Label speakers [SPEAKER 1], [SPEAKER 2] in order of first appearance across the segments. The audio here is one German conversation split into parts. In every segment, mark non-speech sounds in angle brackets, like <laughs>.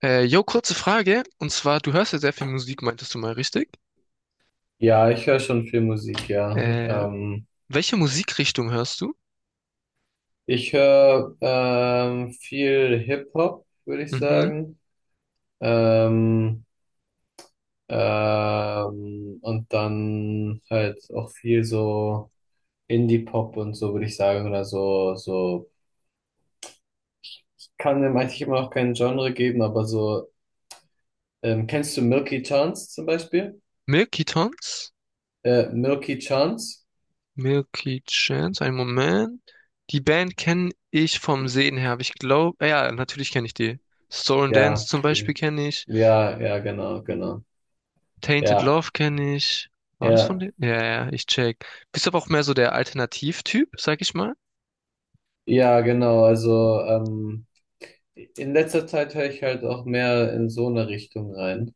[SPEAKER 1] Kurze Frage. Und zwar, du hörst ja sehr viel Musik, meintest du mal, richtig?
[SPEAKER 2] Ja, ich höre schon viel Musik, ja.
[SPEAKER 1] Äh, welche Musikrichtung hörst du?
[SPEAKER 2] Ich höre viel Hip-Hop, würde ich
[SPEAKER 1] Mhm.
[SPEAKER 2] sagen. Ähm, und dann halt auch viel so Indie-Pop und so, würde ich sagen. Oder so, so. Kann dem eigentlich immer noch kein Genre geben, aber so. Kennst du Milky Chance zum Beispiel?
[SPEAKER 1] Milky Tones?
[SPEAKER 2] Milky Chance?
[SPEAKER 1] Milky Chance? Einen Moment. Die Band kenne ich vom Sehen her, aber ich glaube, ja, natürlich kenne ich die. Soul and Dance
[SPEAKER 2] Ja.
[SPEAKER 1] zum Beispiel kenne ich.
[SPEAKER 2] Ja, ja, genau, genau.
[SPEAKER 1] Tainted
[SPEAKER 2] Ja,
[SPEAKER 1] Love kenne ich. War das von
[SPEAKER 2] ja.
[SPEAKER 1] denen? Ja, ja, ja, ich check. Bist aber auch mehr so der Alternativtyp, sag ich mal.
[SPEAKER 2] Ja, genau. Also, in letzter Zeit höre ich halt auch mehr in so eine Richtung rein.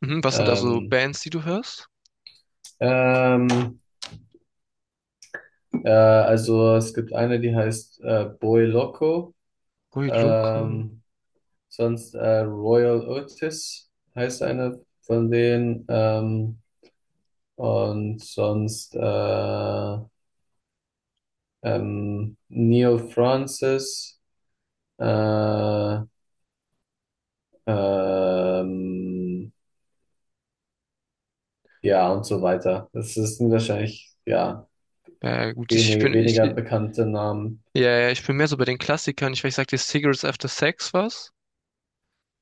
[SPEAKER 1] Mhm. Was sind da so
[SPEAKER 2] Ähm,
[SPEAKER 1] Bands, die du hörst?
[SPEAKER 2] ähm, also es gibt eine, die heißt Boy Loco,
[SPEAKER 1] Ui, Loco.
[SPEAKER 2] ähm, sonst Royal Otis heißt eine von denen, und sonst Neil Francis, äh, ähm, ja und so weiter. Das ist wahrscheinlich, ja.
[SPEAKER 1] Ja, gut, ich
[SPEAKER 2] Wenige,
[SPEAKER 1] bin, ich,
[SPEAKER 2] weniger bekannte Namen.
[SPEAKER 1] ja, ja, ich bin mehr so bei den Klassikern. Ich weiß, sagt dir Cigarettes After Sex was?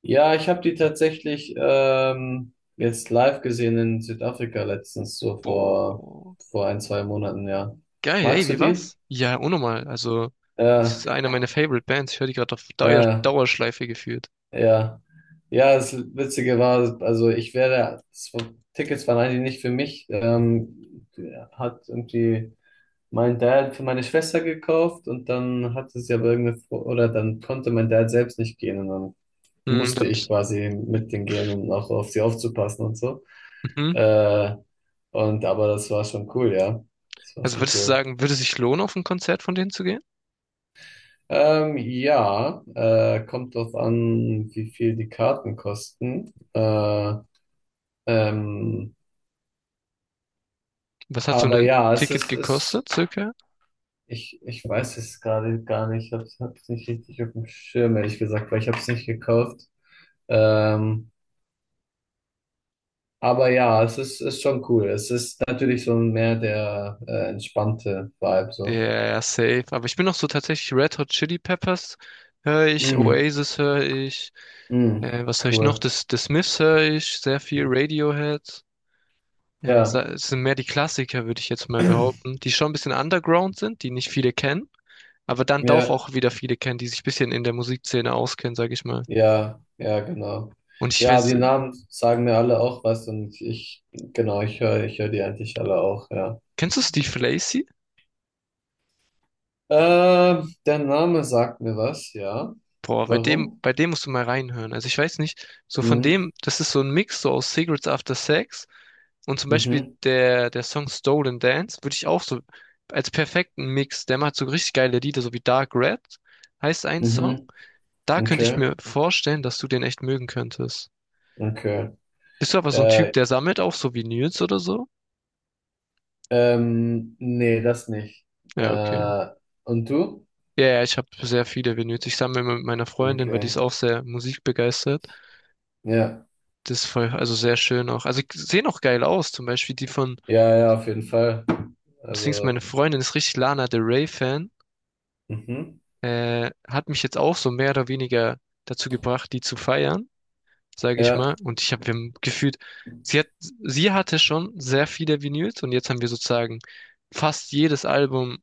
[SPEAKER 2] Ja, ich habe die tatsächlich jetzt live gesehen in Südafrika letztens, so vor,
[SPEAKER 1] Boah.
[SPEAKER 2] vor ein, zwei Monaten, ja.
[SPEAKER 1] Geil, ey,
[SPEAKER 2] Magst du
[SPEAKER 1] wie
[SPEAKER 2] die?
[SPEAKER 1] war's? Ja, unnormal. Also, das
[SPEAKER 2] Äh,
[SPEAKER 1] ist eine meiner Favorite Bands. Ich höre die gerade auf
[SPEAKER 2] äh,
[SPEAKER 1] Dauerschleife geführt.
[SPEAKER 2] ja. Ja, das Witzige war, also ich wäre, das war, Tickets waren eigentlich nicht für mich. Hat irgendwie mein Dad für meine Schwester gekauft, und dann hatte sie aber irgendeine, oder dann konnte mein Dad selbst nicht gehen und dann
[SPEAKER 1] Hm,
[SPEAKER 2] musste
[SPEAKER 1] dann
[SPEAKER 2] ich
[SPEAKER 1] bist,
[SPEAKER 2] quasi mit denen gehen und auch auf sie aufzupassen und so.
[SPEAKER 1] mhm.
[SPEAKER 2] Äh, und aber das war schon cool, ja. Das war
[SPEAKER 1] Also
[SPEAKER 2] schon
[SPEAKER 1] würdest du
[SPEAKER 2] cool.
[SPEAKER 1] sagen, würde es sich lohnen, auf ein Konzert von denen zu gehen?
[SPEAKER 2] Ja, kommt drauf an, wie viel die Karten kosten. Ähm,
[SPEAKER 1] Was hat so
[SPEAKER 2] aber
[SPEAKER 1] ein
[SPEAKER 2] ja,
[SPEAKER 1] Ticket gekostet, circa?
[SPEAKER 2] ich weiß es gerade gar nicht. Ich hab's nicht richtig auf dem Schirm, ehrlich gesagt, weil ich hab's nicht gekauft. Ähm, aber ja, es ist schon cool. Es ist natürlich so mehr der entspannte Vibe
[SPEAKER 1] Ja,
[SPEAKER 2] so.
[SPEAKER 1] ja, safe. Aber ich bin noch so tatsächlich Red Hot Chili Peppers höre ich,
[SPEAKER 2] Mm,
[SPEAKER 1] Oasis höre ich,
[SPEAKER 2] mm,
[SPEAKER 1] was höre ich noch?
[SPEAKER 2] cool.
[SPEAKER 1] Das, the Smiths höre ich, sehr viel Radiohead. Sa-
[SPEAKER 2] Ja,
[SPEAKER 1] es sind mehr die Klassiker, würde ich jetzt mal behaupten, die schon ein bisschen underground sind, die nicht viele kennen, aber dann doch
[SPEAKER 2] ja,
[SPEAKER 1] auch wieder viele kennen, die sich ein bisschen in der Musikszene auskennen, sage ich mal.
[SPEAKER 2] ja, ja, genau.
[SPEAKER 1] Und ich
[SPEAKER 2] Ja,
[SPEAKER 1] weiß,
[SPEAKER 2] die Namen sagen mir alle auch was, und ich, genau, ich höre die eigentlich alle auch, ja.
[SPEAKER 1] kennst du Steve Lacy?
[SPEAKER 2] Der Name sagt mir was, ja.
[SPEAKER 1] Boah, bei
[SPEAKER 2] Warum?
[SPEAKER 1] dem musst du mal reinhören. Also ich weiß nicht, so von
[SPEAKER 2] Mhm,
[SPEAKER 1] dem, das ist so ein Mix so aus Cigarettes After Sex. Und zum Beispiel
[SPEAKER 2] mhm,
[SPEAKER 1] der Song Stolen Dance würde ich auch so als perfekten Mix, der macht so richtig geile Lieder, so wie Dark Red heißt ein Song.
[SPEAKER 2] mhm,
[SPEAKER 1] Da könnte ich
[SPEAKER 2] okay,
[SPEAKER 1] mir vorstellen, dass du den echt mögen könntest.
[SPEAKER 2] okay.
[SPEAKER 1] Bist du aber so ein Typ,
[SPEAKER 2] Äh,
[SPEAKER 1] der sammelt auch so Vinyls oder so?
[SPEAKER 2] Nee, das nicht.
[SPEAKER 1] Ja, okay.
[SPEAKER 2] Äh, und du?
[SPEAKER 1] Ja, ja, ich habe sehr viele Vinyls. Ich sammle immer mit meiner Freundin, weil die ist
[SPEAKER 2] Okay,
[SPEAKER 1] auch sehr musikbegeistert.
[SPEAKER 2] ja,
[SPEAKER 1] Das ist voll, also sehr schön auch. Also sehen auch geil aus. Zum Beispiel die von,
[SPEAKER 2] ja, ja, auf jeden Fall.
[SPEAKER 1] das Ding ist,
[SPEAKER 2] Also,
[SPEAKER 1] meine Freundin ist richtig Lana Del Rey Fan.
[SPEAKER 2] mhm,
[SPEAKER 1] Äh, hat mich jetzt auch so mehr oder weniger dazu gebracht, die zu feiern, sage ich mal.
[SPEAKER 2] ja,
[SPEAKER 1] Und ich habe wir gefühlt, sie hatte schon sehr viele Vinyls und jetzt haben wir sozusagen fast jedes Album,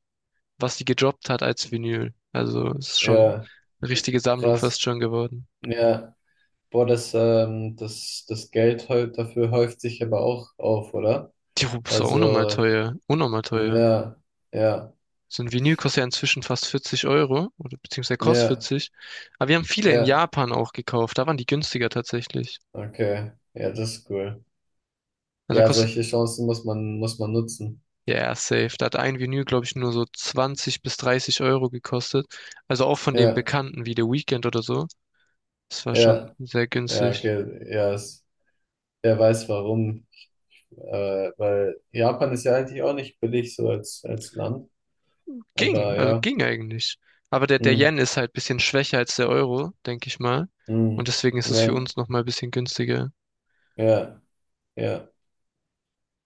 [SPEAKER 1] was sie gedroppt hat, als Vinyl. Also es ist schon
[SPEAKER 2] ja,
[SPEAKER 1] eine richtige Sammlung fast
[SPEAKER 2] krass.
[SPEAKER 1] schon geworden.
[SPEAKER 2] Ja, boah, das, das Geld dafür häuft sich aber auch auf, oder?
[SPEAKER 1] Die Rubis war unnormal
[SPEAKER 2] Also,
[SPEAKER 1] teuer, unnormal teuer.
[SPEAKER 2] ja, ja,
[SPEAKER 1] So ein Vinyl kostet ja inzwischen fast 40 Euro, oder beziehungsweise kostet
[SPEAKER 2] ja,
[SPEAKER 1] 40. Aber wir haben viele in
[SPEAKER 2] ja,
[SPEAKER 1] Japan auch gekauft, da waren die günstiger tatsächlich.
[SPEAKER 2] okay, ja, das ist cool.
[SPEAKER 1] Also da
[SPEAKER 2] Ja,
[SPEAKER 1] kostet.
[SPEAKER 2] solche Chancen muss man nutzen.
[SPEAKER 1] Ja, ja, safe. Da hat ein Vinyl, glaube ich, nur so 20 bis 30 € gekostet. Also auch von den
[SPEAKER 2] Ja,
[SPEAKER 1] Bekannten wie The Weeknd oder so. Das war schon
[SPEAKER 2] ja,
[SPEAKER 1] sehr
[SPEAKER 2] ja,
[SPEAKER 1] günstig.
[SPEAKER 2] okay, ja, wer weiß warum, weil Japan ist ja eigentlich auch nicht billig so als Land,
[SPEAKER 1] Ging,
[SPEAKER 2] aber
[SPEAKER 1] also
[SPEAKER 2] ja,
[SPEAKER 1] ging eigentlich. Aber der
[SPEAKER 2] hm,
[SPEAKER 1] Yen ist halt bisschen schwächer als der Euro, denke ich mal. Und
[SPEAKER 2] hm,
[SPEAKER 1] deswegen ist es für
[SPEAKER 2] ja,
[SPEAKER 1] uns nochmal ein bisschen günstiger.
[SPEAKER 2] ja, ja,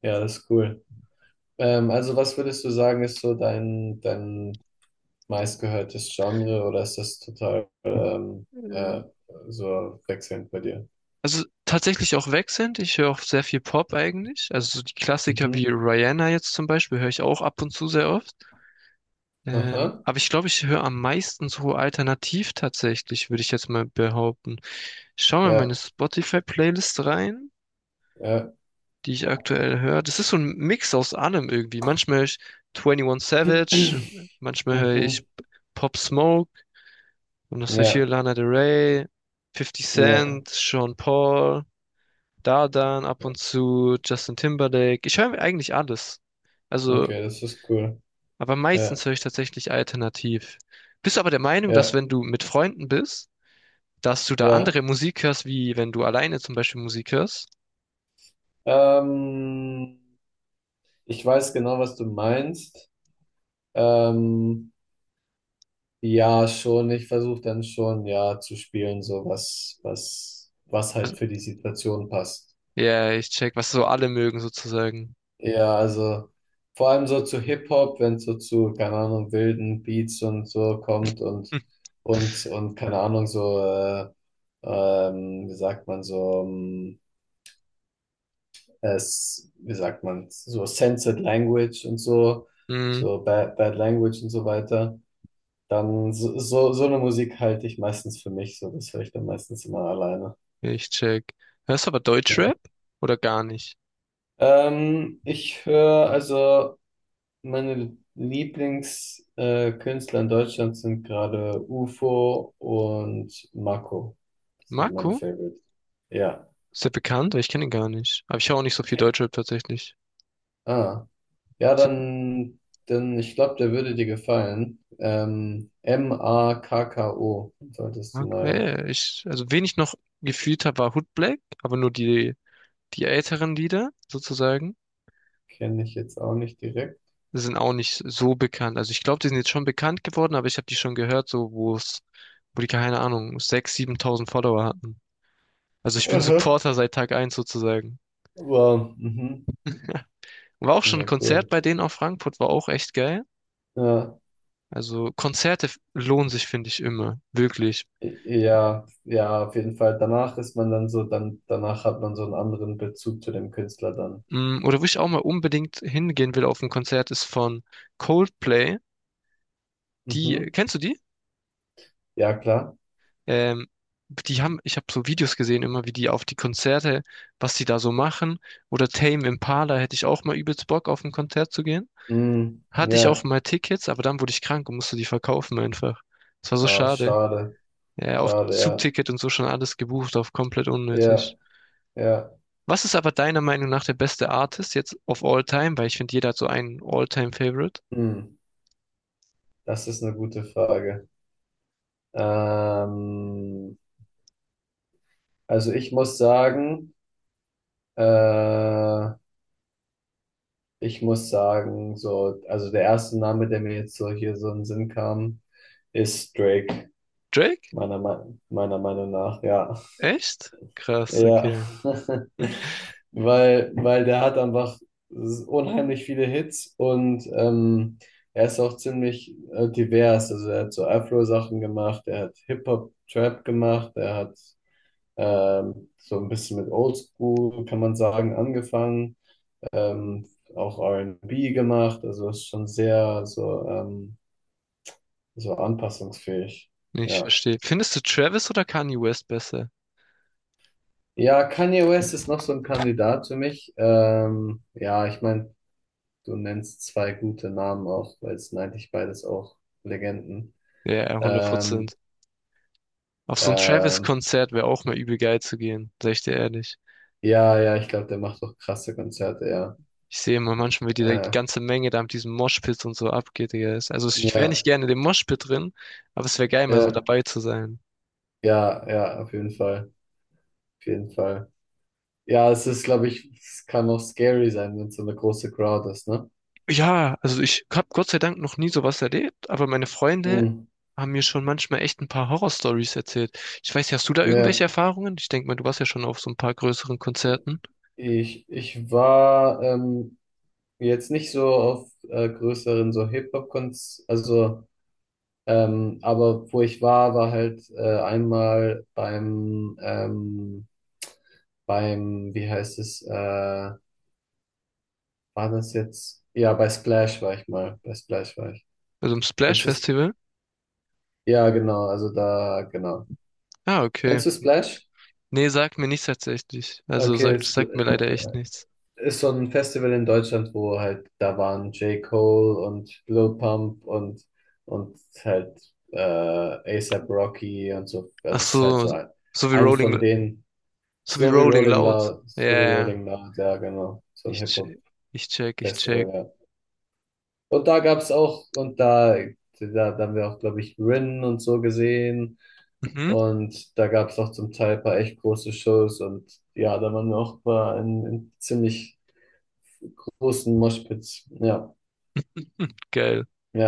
[SPEAKER 2] ja, das ist cool. Also was würdest du sagen, ist so dein meistgehörtes Genre, oder ist das total
[SPEAKER 1] Äh,
[SPEAKER 2] äh, so wechselnd bei dir?
[SPEAKER 1] Also tatsächlich auch wechselnd. Ich höre auch sehr viel Pop eigentlich. Also so die Klassiker wie
[SPEAKER 2] Mhm.
[SPEAKER 1] Rihanna jetzt zum Beispiel höre ich auch ab und zu sehr oft.
[SPEAKER 2] Aha.
[SPEAKER 1] Aber ich glaube, ich höre am meisten so alternativ tatsächlich, würde ich jetzt mal behaupten. Ich schaue mal in meine
[SPEAKER 2] Ja,
[SPEAKER 1] Spotify-Playlist rein,
[SPEAKER 2] ja.
[SPEAKER 1] die ich aktuell höre. Das ist so ein Mix aus allem irgendwie. Manchmal höre ich 21 Savage,
[SPEAKER 2] <clears throat>
[SPEAKER 1] manchmal höre ich
[SPEAKER 2] Mhm.
[SPEAKER 1] Pop Smoke und das heißt hier
[SPEAKER 2] Ja,
[SPEAKER 1] Lana Del Rey, Fifty
[SPEAKER 2] ja.
[SPEAKER 1] Cent, Sean Paul, Dadan ab und zu, Justin Timberlake. Ich höre eigentlich alles. Also
[SPEAKER 2] Okay, das ist cool.
[SPEAKER 1] aber
[SPEAKER 2] Ja,
[SPEAKER 1] meistens höre ich tatsächlich alternativ. Bist du aber der Meinung, dass
[SPEAKER 2] ja,
[SPEAKER 1] wenn du mit Freunden bist, dass du da
[SPEAKER 2] ja.
[SPEAKER 1] andere Musik hörst, wie wenn du alleine zum Beispiel Musik hörst?
[SPEAKER 2] Ähm, Ich weiß genau, was du meinst. Ähm, ja, schon. Ich versuche dann schon, ja, zu spielen, so was
[SPEAKER 1] Was-
[SPEAKER 2] halt für die Situation passt.
[SPEAKER 1] ja, ich check, was so alle mögen sozusagen.
[SPEAKER 2] Ja, also vor allem so zu Hip-Hop, wenn es so zu, keine Ahnung, wilden Beats und so kommt,
[SPEAKER 1] Hm.
[SPEAKER 2] und, keine Ahnung, so, wie sagt man, so, wie sagt man, so censored Language und so,
[SPEAKER 1] Hm,
[SPEAKER 2] so Bad Language und so weiter, dann so eine Musik halte ich meistens für mich, so, das höre ich dann meistens immer alleine.
[SPEAKER 1] ich check. Hörst du aber Deutschrap
[SPEAKER 2] Ja.
[SPEAKER 1] oder gar nicht?
[SPEAKER 2] Ich höre also. Meine Lieblingskünstler, Künstler in Deutschland sind gerade UFO und Marco. Das sind meine
[SPEAKER 1] Marco?
[SPEAKER 2] Favorites. Ja.
[SPEAKER 1] Ist der bekannt? Ich kenne ihn gar nicht. Aber ich höre auch nicht so viel
[SPEAKER 2] Okay.
[SPEAKER 1] Deutschrap tatsächlich.
[SPEAKER 2] Ah. Ja,
[SPEAKER 1] Ist der
[SPEAKER 2] dann ich glaube, der würde dir gefallen. Makko. Solltest du
[SPEAKER 1] Marco? Ja, ja,
[SPEAKER 2] mal.
[SPEAKER 1] ja, ich, also wen ich noch gefühlt habe, war Hood Black, aber nur die älteren Lieder sozusagen.
[SPEAKER 2] Kenne ich jetzt auch nicht direkt.
[SPEAKER 1] Sind auch nicht so bekannt. Also ich glaube, die sind jetzt schon bekannt geworden, aber ich habe die schon gehört, so wo die keine Ahnung, 6.000, 7.000 Follower hatten. Also ich bin
[SPEAKER 2] Aha.
[SPEAKER 1] Supporter seit Tag eins sozusagen.
[SPEAKER 2] Wow. Mhm.
[SPEAKER 1] War auch schon ein
[SPEAKER 2] Ja,
[SPEAKER 1] Konzert
[SPEAKER 2] cool.
[SPEAKER 1] bei denen auf Frankfurt, war auch echt geil.
[SPEAKER 2] Ja.
[SPEAKER 1] Also Konzerte lohnen sich, finde ich, immer. Wirklich.
[SPEAKER 2] Ja, ja, auf jeden Fall. Danach ist man dann so, dann, danach hat man so einen anderen Bezug zu dem Künstler dann.
[SPEAKER 1] Mm, oder wo ich auch mal unbedingt hingehen will auf ein Konzert, ist von Coldplay. Die,
[SPEAKER 2] Mhm.
[SPEAKER 1] kennst du die?
[SPEAKER 2] Ja, klar.
[SPEAKER 1] Ähm, die haben, ich habe so Videos gesehen, immer wie die auf die Konzerte, was die da so machen. Oder Tame Impala hätte ich auch mal übelst Bock, auf ein Konzert zu gehen.
[SPEAKER 2] Hm,
[SPEAKER 1] Hatte ich auch
[SPEAKER 2] ja,
[SPEAKER 1] mal Tickets, aber dann wurde ich krank und musste die verkaufen einfach. Das war so
[SPEAKER 2] oh,
[SPEAKER 1] schade.
[SPEAKER 2] schade.
[SPEAKER 1] Ja, auch
[SPEAKER 2] Schade, ja.
[SPEAKER 1] Zugticket und so schon alles gebucht auf komplett
[SPEAKER 2] Ja,
[SPEAKER 1] unnötig.
[SPEAKER 2] ja.
[SPEAKER 1] Was ist aber deiner Meinung nach der beste Artist jetzt of all time? Weil ich finde, jeder hat so einen All-Time-Favorite.
[SPEAKER 2] Hm, das ist eine gute Frage. Ähm, also ich muss sagen, äh, so, also der erste Name, der mir jetzt so hier so in den Sinn kam, ist Drake,
[SPEAKER 1] Drake?
[SPEAKER 2] meiner Meinung nach, ja.
[SPEAKER 1] Echt? Krass,
[SPEAKER 2] Ja,
[SPEAKER 1] okay.
[SPEAKER 2] <laughs> weil der hat einfach unheimlich viele Hits, und er ist auch ziemlich divers. Also er hat so Afro-Sachen gemacht, er hat Hip-Hop-Trap gemacht, er hat so ein bisschen mit Oldschool, kann man sagen, angefangen, ähm, auch R&B gemacht, also ist schon sehr so, so anpassungsfähig.
[SPEAKER 1] Nee, ich
[SPEAKER 2] Ja.
[SPEAKER 1] verstehe. Findest du Travis oder Kanye West besser?
[SPEAKER 2] Ja, Kanye West ist noch so ein Kandidat für mich. Ja, ich meine, du nennst zwei gute Namen auch, weil es sind eigentlich beides auch Legenden.
[SPEAKER 1] Ja, hundert
[SPEAKER 2] Ähm,
[SPEAKER 1] Prozent. Auf so ein
[SPEAKER 2] ähm,
[SPEAKER 1] Travis-Konzert wäre auch mal übel geil zu gehen, sag ich dir ehrlich.
[SPEAKER 2] ja, ja, ich glaube, der macht doch krasse Konzerte, ja.
[SPEAKER 1] Ich sehe immer manchmal, wie die
[SPEAKER 2] Äh,
[SPEAKER 1] ganze Menge da mit diesem Moshpit und so abgeht, Digga. Es- Also ich wäre nicht
[SPEAKER 2] ja,
[SPEAKER 1] gerne in dem Moshpit drin, aber es wäre geil, mal so
[SPEAKER 2] ja,
[SPEAKER 1] dabei zu sein.
[SPEAKER 2] ja, ja, auf jeden Fall, auf jeden Fall. Ja, es ist, glaube ich, es kann auch scary sein, wenn es so eine große Crowd ist, ne?
[SPEAKER 1] Ja, also ich habe Gott sei Dank noch nie sowas erlebt, aber meine Freunde
[SPEAKER 2] Hm.
[SPEAKER 1] haben mir schon manchmal echt ein paar Horror-Stories erzählt. Ich weiß nicht, hast du da irgendwelche
[SPEAKER 2] Ja,
[SPEAKER 1] Erfahrungen? Ich denke mal, du warst ja schon auf so ein paar größeren Konzerten,
[SPEAKER 2] ich war jetzt nicht so auf größeren so Hip-Hop-Konz, also. Aber wo ich war, war halt einmal beim wie heißt es, war das jetzt? Ja, bei Splash war ich mal. Bei Splash war ich.
[SPEAKER 1] also im
[SPEAKER 2] Kennst du es?
[SPEAKER 1] Splash-Festival.
[SPEAKER 2] Ja, genau, also da, genau.
[SPEAKER 1] Ah, okay.
[SPEAKER 2] Kennst du Splash?
[SPEAKER 1] Nee, sagt mir nichts tatsächlich. Also
[SPEAKER 2] Okay, es
[SPEAKER 1] sagt mir leider echt nichts.
[SPEAKER 2] ist so ein Festival in Deutschland, wo halt, da waren J. Cole und Lil Pump und, halt A$AP Rocky und so.
[SPEAKER 1] Ach
[SPEAKER 2] Also es ist halt
[SPEAKER 1] so,
[SPEAKER 2] so ein,
[SPEAKER 1] so wie
[SPEAKER 2] ein von
[SPEAKER 1] Rolling,
[SPEAKER 2] denen.
[SPEAKER 1] so wie
[SPEAKER 2] So wie
[SPEAKER 1] Rolling
[SPEAKER 2] Rolling
[SPEAKER 1] Loud.
[SPEAKER 2] Loud,
[SPEAKER 1] Ja,
[SPEAKER 2] so
[SPEAKER 1] ja,
[SPEAKER 2] wie
[SPEAKER 1] ja.
[SPEAKER 2] Rolling Loud, ja, genau. So ein
[SPEAKER 1] ich check, ich check, ich check.
[SPEAKER 2] Hip-Hop-Festival, ja. Und da gab's auch, und da haben wir auch, glaube ich, Rin und so gesehen.
[SPEAKER 1] Mhm.
[SPEAKER 2] Und da gab's auch zum Teil ein paar echt große Shows. Und ja, da waren wir auch mal in ziemlich großen Moshpits. Ja,
[SPEAKER 1] Hm, geil.
[SPEAKER 2] ja.